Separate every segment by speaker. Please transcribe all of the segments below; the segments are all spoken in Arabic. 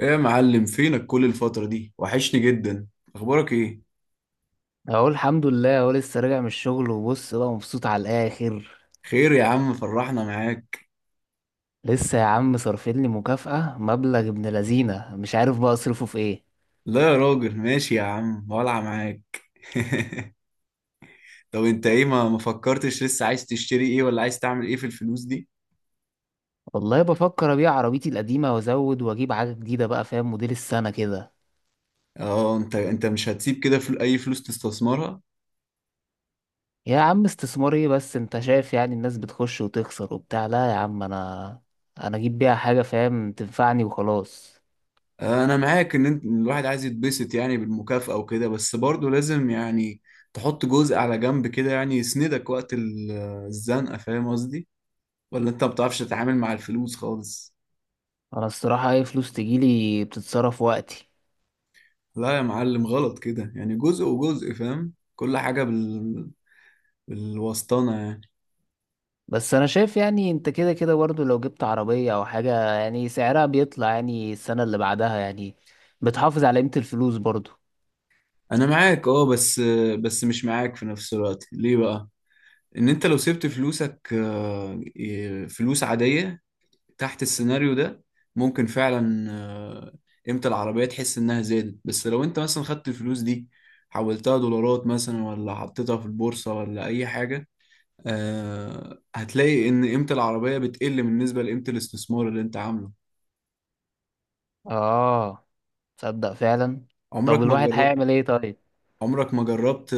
Speaker 1: ايه يا معلم، فينك كل الفترة دي؟ وحشني جدا. اخبارك ايه؟
Speaker 2: اقول الحمد لله اهو لسه راجع من الشغل، وبص بقى مبسوط على الاخر.
Speaker 1: خير يا عم، فرحنا معاك.
Speaker 2: لسه يا عم صارفين لي مكافأة مبلغ ابن لذينه، مش عارف بقى اصرفه في ايه.
Speaker 1: لا يا راجل ماشي يا عم، ولع معاك. طب انت ايه ما فكرتش لسه؟ عايز تشتري ايه ولا عايز تعمل ايه في الفلوس دي؟
Speaker 2: والله بفكر ابيع عربيتي القديمة وازود واجيب حاجة جديدة بقى، فاهم؟ موديل السنة كده.
Speaker 1: اه، انت مش هتسيب كده اي فلوس تستثمرها؟
Speaker 2: يا عم استثمار ايه بس، انت شايف يعني الناس بتخش وتخسر وبتاع، لا يا عم انا اجيب بيها حاجة فاهم تنفعني وخلاص.
Speaker 1: انا معاك ان إن الواحد عايز يتبسط يعني بالمكافأة وكده، بس برضه لازم يعني تحط جزء على جنب كده يعني يسندك وقت الزنقة، فاهم قصدي؟ ولا انت ما بتعرفش تتعامل مع الفلوس خالص؟
Speaker 2: انا الصراحة اي فلوس تجيلي بتتصرف وقتي.
Speaker 1: لا يا معلم، غلط كده يعني. جزء وجزء، فاهم؟ كل حاجة بالوسطانة يعني.
Speaker 2: بس انا شايف يعني انت كده كده برضه لو جبت عربية او حاجة يعني سعرها بيطلع يعني السنة اللي بعدها يعني بتحافظ على قيمة الفلوس برضه.
Speaker 1: أنا معاك أه، بس مش معاك في نفس الوقت. ليه بقى؟ إن أنت لو سبت فلوسك، فلوس عادية تحت السيناريو ده، ممكن فعلا قيمة العربية تحس إنها زادت. بس لو أنت مثلا خدت الفلوس دي حولتها دولارات مثلا، ولا حطيتها في البورصة، ولا أي حاجة، هتلاقي إن قيمة العربية بتقل بالنسبة لقيمة الاستثمار اللي أنت عامله.
Speaker 2: اه، تصدق فعلا. طب
Speaker 1: عمرك ما
Speaker 2: الواحد
Speaker 1: جربت.
Speaker 2: هيعمل ايه طيب؟
Speaker 1: عمرك ما جربت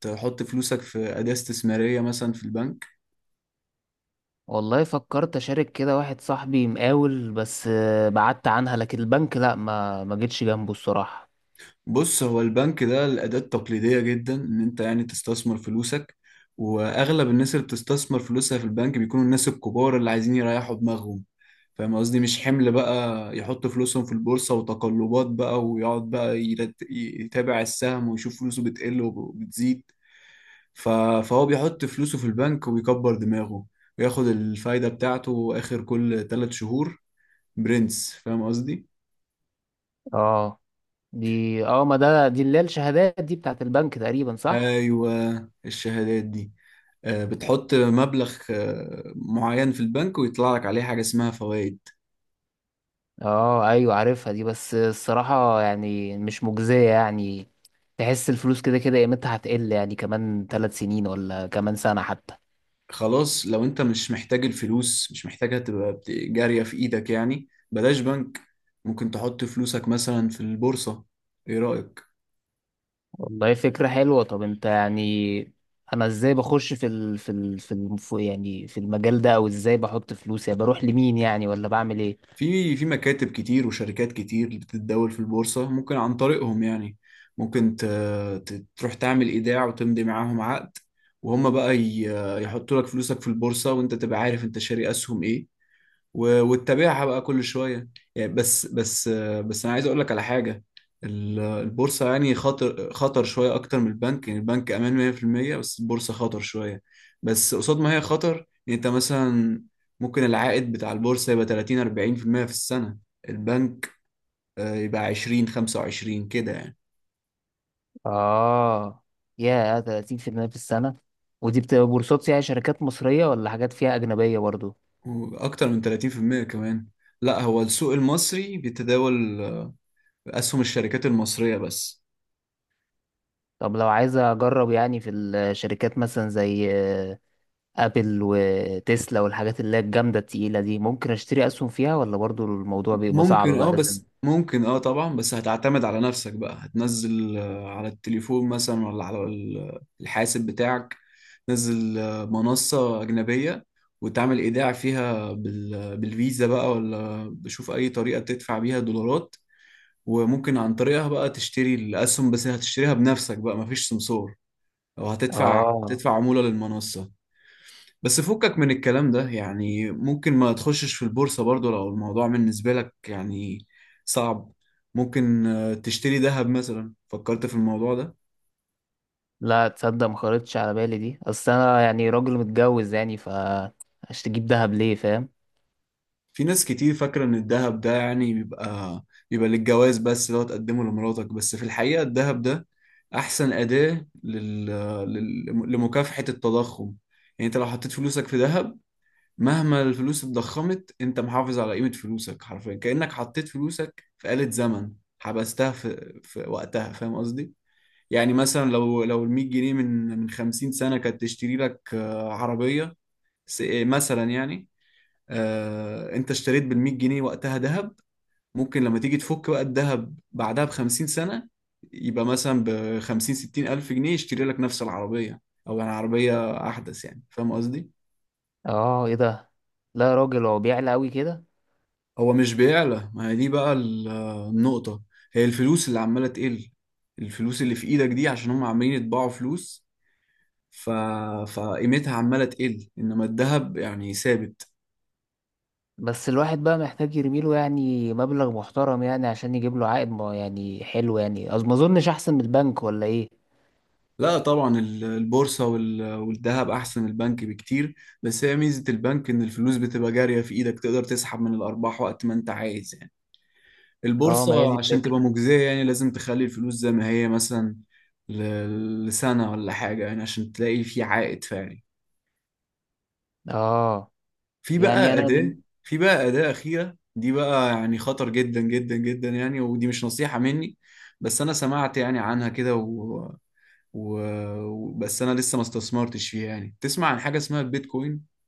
Speaker 1: تحط فلوسك في أداة استثمارية مثلا في البنك؟
Speaker 2: والله فكرت اشارك كده واحد صاحبي مقاول، بس آه، بعدت عنها، لكن البنك لا ما جيتش جنبه الصراحة.
Speaker 1: بص، هو البنك ده الأداة التقليدية جدا إن أنت يعني تستثمر فلوسك. وأغلب الناس اللي بتستثمر فلوسها في البنك بيكونوا الناس الكبار اللي عايزين يريحوا دماغهم، فاهم قصدي؟ مش حمل بقى يحط فلوسهم في البورصة وتقلبات بقى، ويقعد بقى يتابع السهم ويشوف فلوسه بتقل وبتزيد. ف- فهو بيحط فلوسه في البنك ويكبر دماغه، وياخد الفايدة بتاعته آخر كل ثلاث شهور. برنس، فاهم قصدي؟
Speaker 2: اه دي اه ما ده دي اللي هي الشهادات دي بتاعت البنك تقريبا، صح؟
Speaker 1: أيوة، الشهادات دي، بتحط مبلغ معين في البنك ويطلع لك عليه حاجة اسمها فوائد.
Speaker 2: اه ايوه، عارفها دي، بس الصراحة يعني مش مجزية يعني. تحس الفلوس كده كده قيمتها هتقل يعني، كمان 3 سنين ولا كمان سنة حتى.
Speaker 1: خلاص، لو انت مش محتاج الفلوس، مش محتاجها تبقى جارية في ايدك يعني، بلاش بنك. ممكن تحط فلوسك مثلا في البورصة. ايه رأيك؟
Speaker 2: والله فكرة حلوة. طب انت يعني انا ازاي بخش في ال في ال في الم- في- يعني في المجال ده، او ازاي بحط فلوس يعني، بروح لمين يعني، ولا بعمل ايه؟
Speaker 1: في في مكاتب كتير وشركات كتير اللي بتتداول في البورصة، ممكن عن طريقهم يعني. ممكن ت- ت- تروح تعمل إيداع وتمضي معاهم عقد، وهم بقى يحطوا لك فلوسك في البورصة، وانت تبقى عارف انت شاري أسهم ايه، وتتابعها بقى كل شويه يعني. بس انا عايز اقول لك على حاجه. البورصه يعني خطر، خطر شويه اكتر من البنك. يعني البنك امان 100%، بس البورصه خطر شويه. بس قصاد ما هي خطر، يعني انت مثلا ممكن العائد بتاع البورصه يبقى 30 40% في المية في السنه. البنك يبقى 20 25 كده يعني.
Speaker 2: اه، يا 30% في المية في السنة؟ ودي بتبقى بورصات يعني شركات مصرية، ولا حاجات فيها أجنبية برضو؟
Speaker 1: واكتر من 30% كمان. لا، هو السوق المصري بيتداول اسهم الشركات المصريه بس.
Speaker 2: طب لو عايز أجرب يعني في الشركات مثلا زي ابل وتسلا والحاجات اللي هي الجامدة التقيلة دي، ممكن اشتري اسهم فيها ولا برضو الموضوع بيبقى صعب
Speaker 1: ممكن اه،
Speaker 2: بقى لازم...
Speaker 1: بس ممكن اه طبعا، بس هتعتمد على نفسك بقى. هتنزل على التليفون مثلا، ولا على الحاسب بتاعك، تنزل منصة أجنبية، وتعمل إيداع فيها بالفيزا بقى، ولا بشوف أي طريقة تدفع بيها دولارات. وممكن عن طريقها بقى تشتري الأسهم، بس هتشتريها بنفسك بقى، مفيش سمسار. أو هتدفع
Speaker 2: اه،
Speaker 1: هتدفع عمولة للمنصة. بس فكك من الكلام ده يعني، ممكن ما تخشش في البورصة برضو لو الموضوع بالنسبة لك يعني صعب. ممكن تشتري ذهب مثلا. فكرت في الموضوع ده؟
Speaker 2: لا تصدق، ما خرجتش على بالي دي، اصل انا يعني راجل متجوز يعني، ف هشتجيب دهب ليه، فاهم؟
Speaker 1: في ناس كتير فاكرة إن الذهب ده يعني بيبقى للجواز بس، لو تقدمه لمراتك. بس في الحقيقة الذهب ده أحسن أداة لل... لمكافحة التضخم. يعني أنت لو حطيت فلوسك في ذهب، مهما الفلوس اتضخمت انت محافظ على قيمة فلوسك. حرفيا كأنك حطيت فلوسك في آلة زمن، حبستها في وقتها، فاهم قصدي؟ يعني مثلا لو ال 100 جنيه من 50 سنة كانت تشتري لك عربية. مثلا يعني، انت اشتريت بال 100 جنيه وقتها ذهب، ممكن لما تيجي تفك بقى الذهب بعدها ب 50 سنة، يبقى مثلا ب 50 60 ألف جنيه يشتري لك نفس العربية، أو يعني عربية أحدث يعني، فاهم قصدي؟
Speaker 2: اه ايه ده، لا يا راجل هو بيعلى قوي كده.
Speaker 1: هو مش بيعلى، ما هي دي بقى النقطة. هي الفلوس اللي عمالة تقل، الفلوس اللي في ايدك دي، عشان هم عمالين يطبعوا فلوس. ف... فقيمتها عمالة تقل، انما الذهب يعني ثابت.
Speaker 2: بس الواحد بقى محتاج يرميله يعني مبلغ محترم يعني عشان يجيب له عائد، ما- يعني حلو يعني، أظ- ما اظنش احسن من البنك، ولا ايه؟
Speaker 1: لا طبعا، البورصة والذهب احسن البنك بكتير. بس هي ميزة البنك ان الفلوس بتبقى جارية في ايدك، تقدر تسحب من الارباح وقت ما انت عايز يعني.
Speaker 2: اه، ما هي دي
Speaker 1: البورصة عشان
Speaker 2: الفكرة.
Speaker 1: تبقى مجزية يعني لازم تخلي الفلوس زي ما هي مثلا ل... لسنة ولا حاجة، يعني عشان تلاقي في عائد فعلي.
Speaker 2: اه
Speaker 1: في
Speaker 2: يعني
Speaker 1: بقى
Speaker 2: انا...
Speaker 1: أداة. أخيرة دي بقى، يعني خطر جدا جدا جدا يعني، ودي مش نصيحة مني، بس أنا سمعت يعني عنها كده و... بس أنا لسه ما استثمرتش فيها يعني. تسمع عن حاجة اسمها البيتكوين؟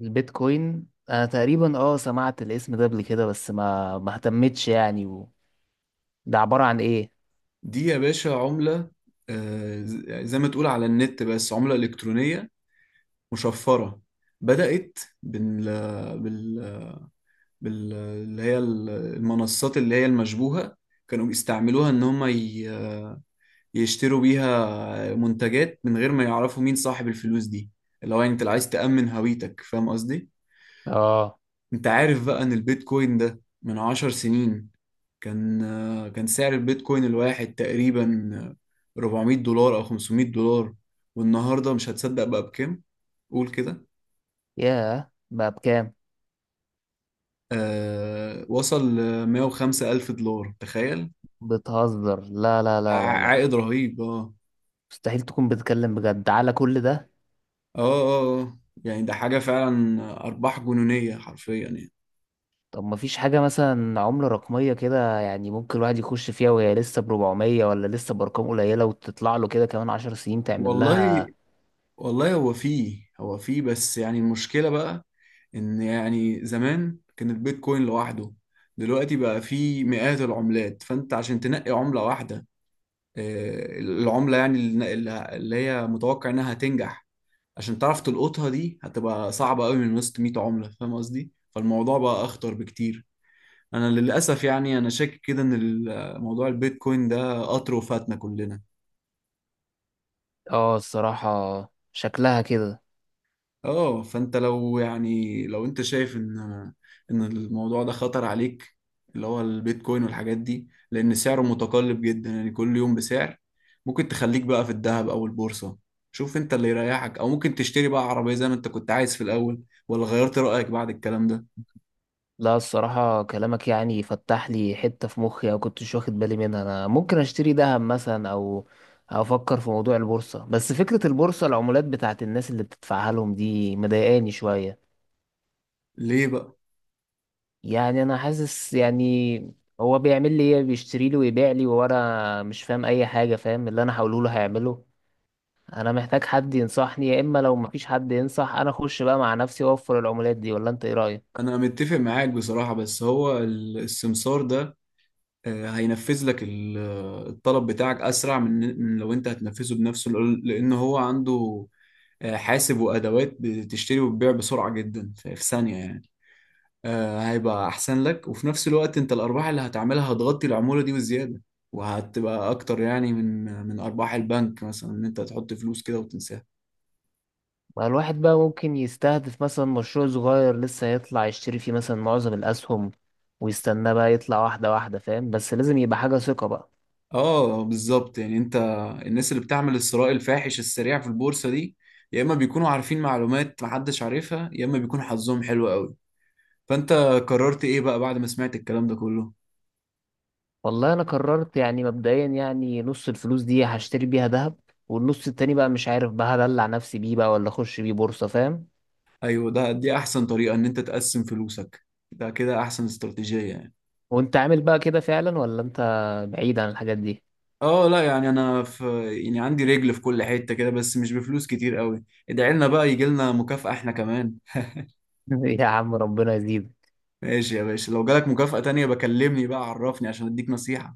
Speaker 2: البيتكوين انا تقريبا اه سمعت الاسم ده قبل كده، بس ما اهتمتش يعني، و... ده عبارة عن ايه؟
Speaker 1: دي يا باشا عملة، زي ما تقول على النت، بس عملة إلكترونية مشفرة. بدأت بال... اللي هي المنصات اللي هي المشبوهة، كانوا بيستعملوها إن هم يشتروا بيها منتجات من غير ما يعرفوا مين صاحب الفلوس دي، اللي هو انت عايز تأمن هويتك، فاهم قصدي؟
Speaker 2: اه،
Speaker 1: انت عارف بقى ان البيتكوين ده من عشر سنين كان كان سعر البيتكوين الواحد تقريبا 400 دولار او 500 دولار؟ والنهارده مش هتصدق بقى بكام، قول كده.
Speaker 2: ياه، بقى بكام؟
Speaker 1: آه، وصل ل 105 ألف دولار، تخيل.
Speaker 2: بتهزر، لا لا
Speaker 1: ع-
Speaker 2: لا لا لا،
Speaker 1: عائد رهيب، اه
Speaker 2: مستحيل تكون بتتكلم بجد على كل ده.
Speaker 1: اه اه. يعني ده حاجة فعلا، أرباح جنونية حرفيا يعني.
Speaker 2: طب ما فيش حاجة مثلا عملة رقمية كده يعني، ممكن الواحد يخش فيها وهي لسه بربعمية ولا لسه بأرقام قليلة، وتطلع له كده كمان 10 سنين تعمل لها...
Speaker 1: والله والله هو فيه، بس يعني المشكلة بقى، إن يعني زمان كان البيتكوين لوحده، دلوقتي بقى فيه مئات العملات. فأنت عشان تنقي عملة واحدة، العملة يعني اللي هي متوقع إنها هتنجح، عشان تعرف تلقطها دي هتبقى صعبة قوي من وسط 100 عملة، فاهم قصدي؟ فالموضوع بقى أخطر بكتير. أنا للأسف يعني أنا شاكك كده إن موضوع البيتكوين ده قطر وفاتنا كلنا.
Speaker 2: اه الصراحة شكلها كده.
Speaker 1: اه، فانت لو يعني لو انت شايف ان الموضوع ده خطر عليك، اللي هو البيتكوين والحاجات دي، لان سعره متقلب جدا يعني كل يوم بسعر، ممكن تخليك بقى في الذهب او البورصة، شوف انت اللي يريحك. او ممكن تشتري بقى عربية زي ما انت كنت عايز في الاول، ولا غيرت رأيك بعد الكلام ده؟
Speaker 2: لا الصراحة كلامك يعني فتح لي حتة في مخي، أو كنتش واخد بالي منها، أنا ممكن أشتري دهب مثلا أو أفكر في موضوع البورصة، بس فكرة البورصة، العمولات بتاعت الناس اللي بتدفعها لهم دي مضايقاني شوية.
Speaker 1: ليه بقى؟
Speaker 2: يعني أنا حاسس يعني هو بيعمل لي إيه، بيشتري لي ويبيع لي، وأنا مش فاهم أي حاجة، فاهم اللي أنا هقوله له هيعمله؟ أنا محتاج حد ينصحني، يا إما لو مفيش حد ينصح أنا أخش بقى مع نفسي وأوفر العمولات دي، ولا أنت إيه رأيك؟
Speaker 1: انا متفق معاك بصراحة، بس هو السمسار ده هينفذ لك الطلب بتاعك اسرع من من لو انت هتنفذه بنفسه، لأن هو عنده حاسب وادوات بتشتري وتبيع بسرعه جدا، في ثانيه يعني. هيبقى احسن لك، وفي نفس الوقت انت الارباح اللي هتعملها هتغطي العموله دي وزياده، وهتبقى اكتر يعني من من ارباح البنك مثلا، ان انت تحط فلوس كده وتنساها.
Speaker 2: ما الواحد بقى ممكن يستهدف مثلا مشروع صغير لسه هيطلع، يشتري فيه مثلا معظم الأسهم ويستناه بقى يطلع واحدة واحدة، فاهم؟ بس لازم يبقى حاجة ثقة بقى.
Speaker 1: اه بالظبط، يعني انت الناس اللي بتعمل الثراء الفاحش السريع في البورصه دي، يا اما بيكونوا عارفين معلومات محدش عارفها، يا اما بيكون حظهم حلو قوي. فانت قررت ايه بقى بعد ما سمعت الكلام ده كله؟
Speaker 2: والله أنا قررت يعني مبدئيا يعني نص الفلوس دي هشتري بيها ذهب، والنص التاني بقى مش عارف بقى هدلع نفسي بيه بقى، ولا أخش بيه بورصة، فاهم؟
Speaker 1: ايوه، دي احسن طريقة، ان انت تقسم فلوسك. ده كده احسن استراتيجية يعني.
Speaker 2: وأنت عامل بقى كده فعلا، ولا أنت بعيد عن الحاجات دي؟
Speaker 1: اه لا، يعني انا في، يعني عندي رجل في كل حتة كده، بس مش بفلوس كتير قوي. ادعي لنا بقى يجي لنا مكافأة احنا كمان.
Speaker 2: يا عم ربنا يزيدك.
Speaker 1: ماشي يا باشا، لو جالك مكافأة تانية بكلمني بقى، عرفني عشان اديك نصيحة.